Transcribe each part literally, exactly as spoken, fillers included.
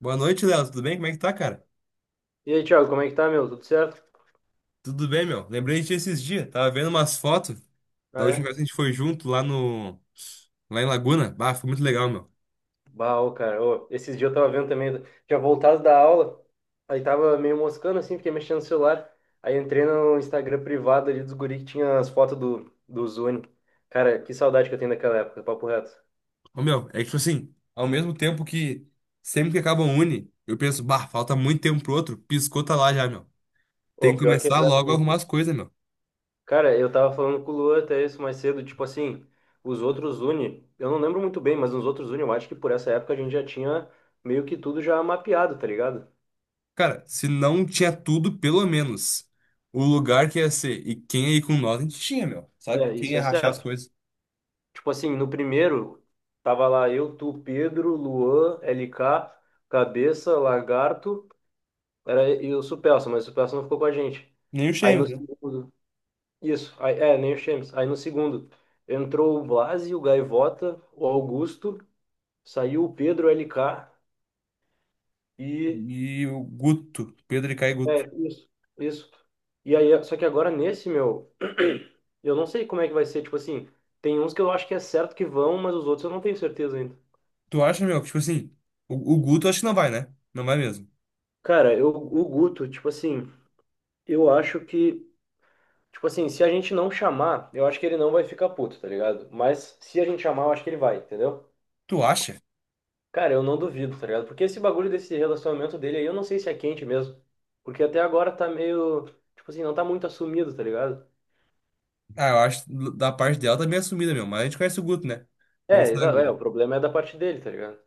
Boa noite, Léo. Tudo bem? Como é que tá, cara? E aí, Thiago, como é que tá, meu? Tudo certo? Tudo bem, meu. Lembrei de ti esses dias. Tava vendo umas fotos Ah, da última é? vez que a gente foi junto lá no... Lá em Laguna. Bah, foi muito legal, meu. Bah, ô, cara, ô, esses dias eu tava vendo também, tinha voltado da aula, aí tava meio moscando assim, fiquei mexendo no celular, aí entrei no Instagram privado ali dos guri que tinha as fotos do, do Zuni. Cara, que saudade que eu tenho daquela época, papo reto. Ô, meu, é que, tipo assim, ao mesmo tempo que sempre que acaba um uni, eu penso, bah, falta muito tempo pro outro. Piscou, tá lá já, meu. Tem que Ô, pior que é começar logo a exatamente. arrumar as coisas, meu. Cara, eu tava falando com o Luan até isso mais cedo, tipo assim, os outros Uni, eu não lembro muito bem, mas os outros Uni, eu acho que por essa época a gente já tinha meio que tudo já mapeado, tá ligado? Cara, se não tinha tudo, pelo menos o lugar que ia ser e quem ia ir com nós, a gente tinha, meu. Sabe? É, Quem isso ia é rachar as certo. coisas. Tipo assim, no primeiro, tava lá eu, tu, Pedro, Luan, L K, Cabeça, Lagarto, era, e o Supelsa, mas o Supelsa não ficou com a gente. Nem o Aí no Shane, né? segundo, isso, aí, é, nem o Chemes. Aí no segundo, entrou o Blasi, o Gaivota, o Augusto, saiu o Pedro, o L K e. E o Guto. Pedro e Caio Guto. É, isso, isso. E aí, só que agora nesse, meu, eu não sei como é que vai ser, tipo assim, tem uns que eu acho que é certo que vão, mas os outros eu não tenho certeza ainda. Tu acha, meu, que, tipo assim, o, o Guto acho que não vai, né? Não vai mesmo. Cara, eu, o Guto, tipo assim, eu acho que, tipo assim, se a gente não chamar, eu acho que ele não vai ficar puto, tá ligado? Mas se a gente chamar, eu acho que ele vai, entendeu? Tu acha? Cara, eu não duvido, tá ligado? Porque esse bagulho desse relacionamento dele aí, eu não sei se é quente mesmo. Porque até agora tá meio, tipo assim, não tá muito assumido, tá ligado? Ah, eu acho que da parte dela tá bem assumida, meu. Mas a gente conhece o Guto, né? É, Não exa é, sabe. o problema é da parte dele, tá ligado?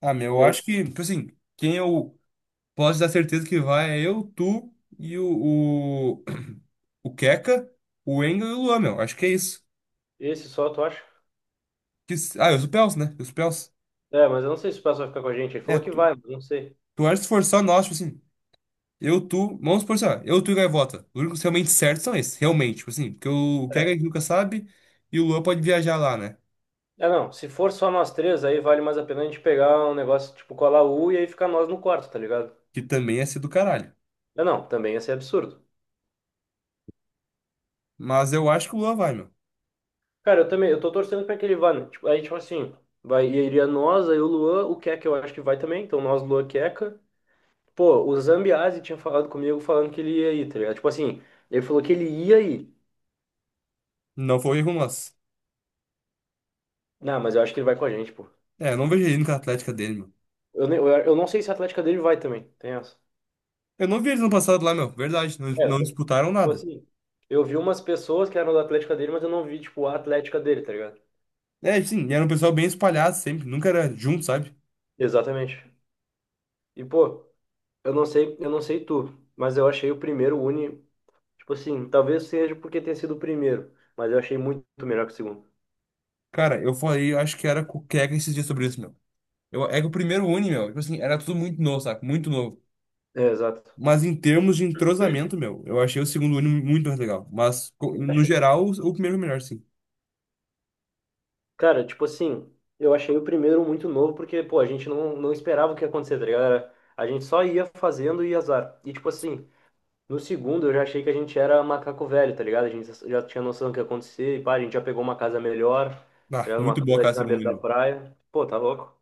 Ah, meu, E eu aí, acho que, tipo assim, quem eu posso dar certeza que vai é eu, tu e o, o, o Keka, o Engel e o Luan, meu. Acho que é isso. esse só, tu acha? Que, s- ah, e os Pels, né? Os Pels. É, mas eu não sei se o pessoal vai ficar com a gente. Ele É, falou que tu, vai, mas não sei. tu acha que se for só nós, tipo assim, eu, tu, vamos supor, assim, ó, eu, tu e Gaivota. Os únicos realmente certos são esses, realmente, tipo assim, porque o, o Keka a É. gente nunca sabe e o Luan pode viajar lá, né? É, não, se for só nós três, aí vale mais a pena a gente pegar um negócio tipo colar U e aí ficar nós no quarto, tá ligado? que também é ser do caralho. É, não, também ia ser absurdo. Mas eu acho que o Lua vai, meu. Cara, eu também, eu tô torcendo pra que ele vá, né? Tipo, aí, tipo assim, vai, iria nós, aí o Luan, o Keka eu acho que vai também, então nós, Luan, Keka. Pô, o Zambiase tinha falado comigo falando que ele ia ir, tá ligado? Tipo assim, ele falou que ele ia ir. Não foi erro nosso. Não, mas eu acho que ele vai com a gente, pô. É, eu não vejo ele indo com a Atlética dele, meu. Eu, nem- eu, eu não sei se a Atlética dele vai também, tem essa. Eu não vi eles no passado lá, meu. Verdade, não, É, não disputaram tipo nada. assim, eu vi umas pessoas que eram da Atlética dele, mas eu não vi, tipo, a Atlética dele, tá ligado? É, sim, e era um pessoal bem espalhado sempre, nunca era junto, sabe? Exatamente. E, pô, eu não sei, eu não sei tu, mas eu achei o primeiro Uni, tipo assim, talvez seja porque tenha sido o primeiro, mas eu achei muito melhor que o segundo. Cara, eu falei, eu acho que era com o Keka esses dias sobre isso, meu. Eu, é que o primeiro Uni, meu, tipo assim, era tudo muito novo, sabe? Muito novo. É, exato. Mas em termos de entrosamento, meu, eu achei o segundo Uni muito mais legal. Mas, co- no Acho. geral, o, o primeiro é o melhor, sim. Cara, tipo assim, eu achei o primeiro muito novo porque, pô, a gente não, não esperava o que ia acontecer, tá ligado? Era- A gente só ia fazendo e azar. E, tipo assim, no segundo eu já achei que a gente era macaco velho, tá ligado? A gente já tinha noção do que ia acontecer e, pá, a gente já pegou uma casa melhor, tá Ah, ligado? Uma muito boa casa cara, ali o na segundo beira Uni, da meu. praia. Pô, tá louco.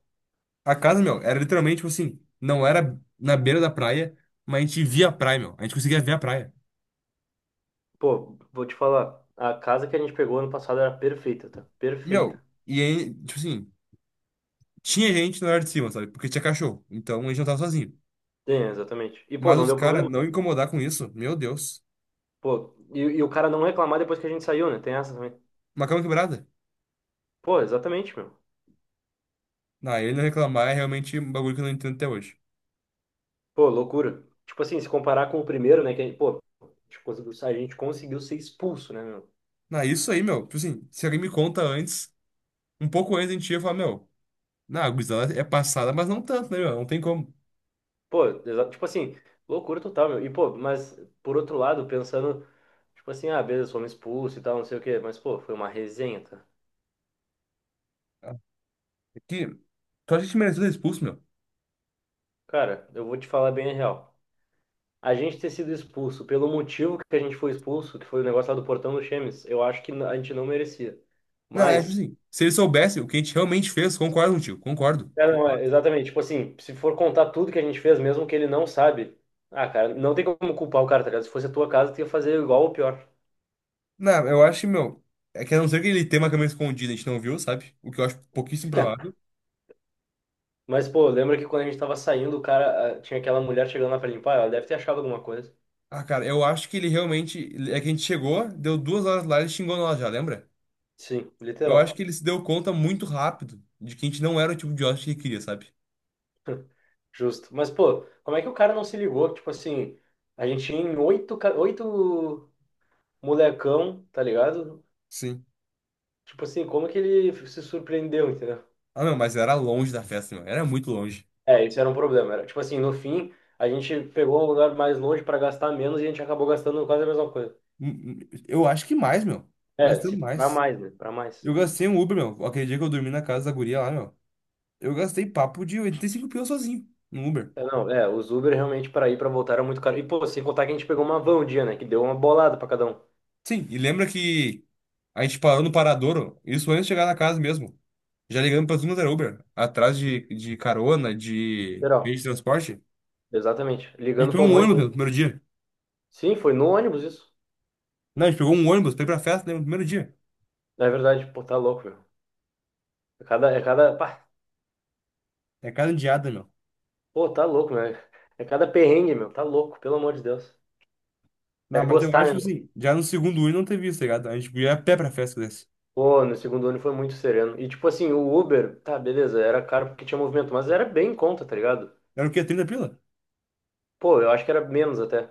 A casa, meu, era literalmente, tipo assim, não era na beira da praia, mas a gente via a praia, meu. A gente conseguia ver a praia. Pô, vou te falar, a casa que a gente pegou ano passado era perfeita, tá? Perfeita. Meu, e aí, tipo assim, tinha gente na área de cima, sabe? Porque tinha cachorro. Então a gente não tava sozinho. Tem, exatamente. E, pô, Mas não os deu caras problema, tá? não incomodar com isso, meu Deus. Pô, e, e o cara não reclamar depois que a gente saiu, né? Tem essa também. Uma cama quebrada. Pô, exatamente, meu. Na ele não reclamar é realmente um bagulho que eu não entendo até hoje. Pô, loucura. Tipo assim, se comparar com o primeiro, né? Que, a gente, pô, a gente conseguiu, a gente conseguiu ser expulso, né, meu? Na isso aí, meu, tipo assim, se alguém me conta antes, um pouco antes a gente ia falar, meu, na a gurizada é passada, mas não tanto, né, meu? Não tem como. Pô, exa- tipo assim, loucura total, meu. E, pô, mas, por outro lado, pensando, tipo assim, ah, beleza, fomos expulsos e tal, não sei o quê. Mas, pô, foi uma resenha, tá? É Que, tu acha que a gente merecia ser expulso, meu? Cara, eu vou te falar bem a real. A gente ter sido expulso pelo motivo que a gente foi expulso, que foi o negócio lá do portão do Chemes, eu acho que a gente não merecia. Não, é tipo Mas, assim. Se eles soubessem o que a gente realmente fez, concordo contigo, concordo. é, não, é, exatamente, tipo assim, se for contar tudo que a gente fez, mesmo que ele não sabe, ah, cara, não tem como culpar o cara, tá ligado? Se fosse a tua casa, tu ia fazer igual ou pior. Não, eu acho, que, meu. É que a não ser que ele tenha uma câmera escondida, a gente não viu, sabe? O que eu acho pouquíssimo provável. Mas, pô, lembra que quando a gente tava saindo, o cara, ah, tinha aquela mulher chegando lá pra limpar, ela deve ter achado alguma coisa. Ah, cara, eu acho que ele realmente. É que a gente chegou, deu duas horas lá, e ele xingou nós já, lembra? Sim, Eu acho literal. que ele se deu conta muito rápido de que a gente não era o tipo de hóspede que ele queria, sabe? Justo. Mas, pô, como é que o cara não se ligou? Tipo assim, a gente tinha em oito, ca- oito molecão, tá ligado? Sim. Tipo assim, como que ele se surpreendeu, entendeu? Ah, não, mas era longe da festa, meu. Era muito longe. É, isso era um problema. Era, tipo assim, no fim, a gente pegou um lugar mais longe para gastar menos e a gente acabou gastando quase a mesma coisa. Hum, hum, Eu acho que mais, meu. É, Gastamos se para mais. mais, né? Para mais. Eu gastei um Uber, meu. Aquele dia que eu dormi na casa da guria lá, meu. Eu gastei papo de oitenta e cinco pila sozinho no Uber. É, não, é, os Uber realmente para ir para voltar era muito caro. E pô, sem contar que a gente pegou uma van um dia, né? Que deu uma bolada para cada um. Sim, e lembra que a gente parou no Paradouro, isso antes de chegar na casa mesmo. Já ligamos para tudo quanto era Uber, atrás de, de carona, de meio Literal. de transporte. Exatamente. A gente Ligando para pegou um um monte ônibus de no gente. primeiro dia. Sim, foi no ônibus isso. Não, a gente pegou um ônibus pra ir pra festa, né, no primeiro dia. É verdade, pô, tá louco, meu. É cada, é cada, pá, É cada indiada, meu. pô, tá louco, meu. É cada perrengue, meu. Tá louco, pelo amor de Deus. Não, É mas eu acho gostar, que né? assim, já no segundo Uber não teve isso, tá ligado? A gente ia a pé pra festa desse. Pô, no segundo ano foi muito sereno. E tipo assim, o Uber, tá, beleza, era caro porque tinha movimento, mas era bem em conta, tá ligado? Era o quê? trinta pila? Pô, eu acho que era menos até.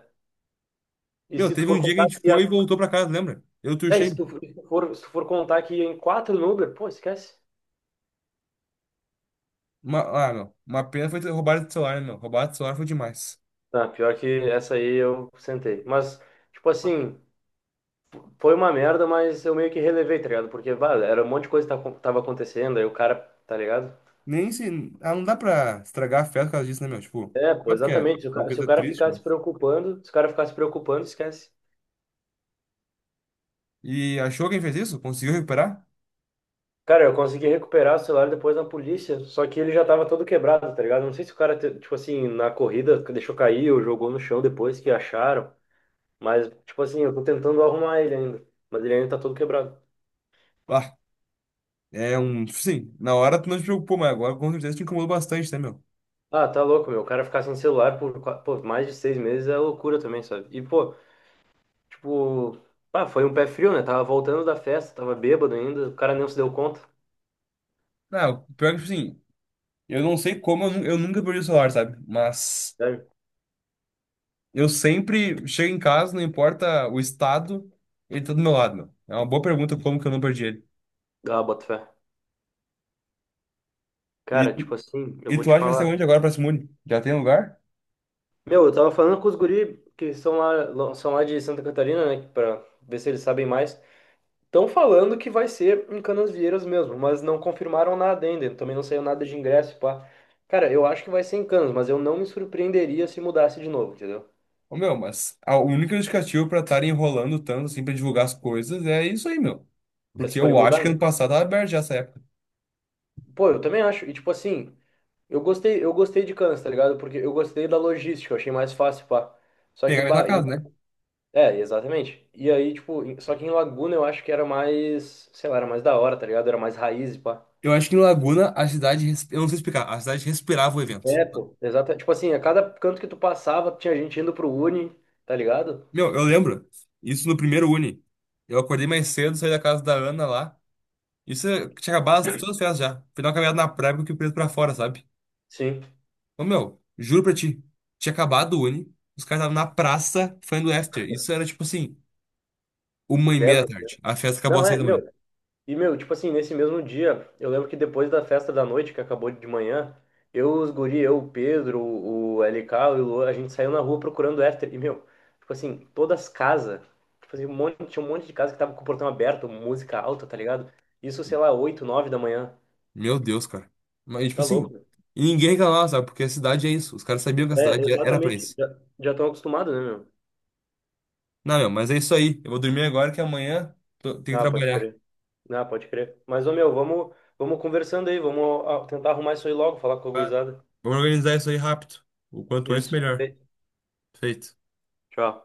E Meu, se tu teve for um dia que a contar gente que ia. foi e voltou pra casa, lembra? Eu É, e se turchei. tu for, se tu for, se tu for contar que ia em quatro no Uber, pô, esquece. Uma, ah, meu, uma pena foi ter roubado o celular, né, meu. Roubado o celular foi demais. Tá, pior que essa aí eu sentei. Mas, tipo assim, foi uma merda, mas eu meio que relevei, tá ligado? Porque, vale, era um monte de coisa que tava tava acontecendo, aí o cara, tá ligado? Nem se. Ah, não dá pra estragar a festa por causa disso, né, meu? Tipo, É, pô, óbvio que é exatamente. Se o uma cara, se o coisa cara triste, ficar se mas. preocupando, se o cara ficar se preocupando, esquece. E achou quem fez isso? Conseguiu recuperar? Cara, eu consegui recuperar o celular depois na polícia, só que ele já tava todo quebrado, tá ligado? Não sei se o cara, te- tipo assim, na corrida deixou cair ou jogou no chão depois que acharam, mas, tipo assim, eu tô tentando arrumar ele ainda, mas ele ainda tá todo quebrado. Ah, é um. Tipo assim, na hora tu não te preocupou, mas agora com certeza te incomodou bastante, né, meu? Ah, tá louco, meu. O cara ficar sem celular por, qua- pô, mais de seis meses é loucura também, sabe? E, pô, tipo, ah, foi um pé frio, né? Tava voltando da festa, tava bêbado ainda, o cara nem se deu conta. Não, pior que, tipo assim, eu, não sei como eu, nu- eu nunca perdi o celular, sabe? Mas Sério? eu sempre chego em casa, não importa o estado, ele tá do meu lado, meu. É uma boa pergunta como que eu não perdi ele. Ah, bota fé. E, Cara, tipo tu- assim, eu e vou tu te acha que vai ser falar. onde agora pra Simone? Já tem lugar? Meu, eu tava falando com os guri que são lá, lo- são lá de Santa Catarina, né? Pra ver se eles sabem mais. Estão falando que vai ser em Canasvieiras mesmo, mas não confirmaram nada ainda. Também não saiu nada de ingresso, pá. Cara, eu acho que vai ser em Canas, mas eu não me surpreenderia se mudasse de novo, entendeu? Ô, meu, mas a única justificativa pra estarem enrolando tanto assim pra divulgar as coisas é isso aí, meu. É, se Porque forem eu acho mudar, que né? ano passado tava aberto já essa época. Pô, eu também acho. E tipo assim, eu gostei, eu gostei de Canas, tá ligado? Porque eu gostei da logística, eu achei mais fácil, pá. Só Pegar que, a mesma bah, em. casa, né? É, exatamente. E aí, tipo, em- só que em Laguna eu acho que era mais, sei lá, era mais da hora, tá ligado? Era mais raiz, pá. Eu acho que em Laguna a cidade, res- eu não sei explicar, a cidade respirava o evento. É, pô, exato. Tipo assim, a cada canto que tu passava, tinha gente indo pro Uni, tá ligado? Meu, eu lembro isso no primeiro Uni. Eu acordei mais cedo, saí da casa da Ana lá. Isso é- tinha acabado as- todas as festas já. Fui dar uma caminhada na praia porque o preso pra fora, sabe? Sim. Ô, meu, juro pra ti, tinha acabado o Uni, os caras estavam na praça fazendo after. Isso era tipo assim, uma e Dez. meia da tarde. A festa acabou Não, às seis é, da manhã. meu. E, meu, tipo assim, nesse mesmo dia, eu lembro que depois da festa da noite, que acabou de manhã, eu, os guri, eu, o Pedro, o L K, o Ilu, a gente saiu na rua procurando after. E, meu, tipo assim, todas as casas, tipo assim, um monte, tinha um monte de casa que tava com o portão aberto, música alta, tá ligado? Isso, sei lá, oito nove da manhã. Meu Deus, cara. Mas, tipo Tá louco, assim, meu. e ninguém reclamava, sabe? Porque a cidade é isso. Os caras sabiam que a É, cidade é- era pra exatamente. isso. Já, já tão acostumado, né, meu? Não, meu, mas é isso aí. Eu vou dormir agora que amanhã tô- tem que Ah, pode trabalhar. crer. Ah, pode crer. Mas, ô, meu, vamos, vamos conversando aí, vamos ah, tentar arrumar isso aí logo, falar com a Tá? gurizada. Vamos organizar isso aí rápido. O quanto antes, Isso. melhor. Ei, Feito. Tchau.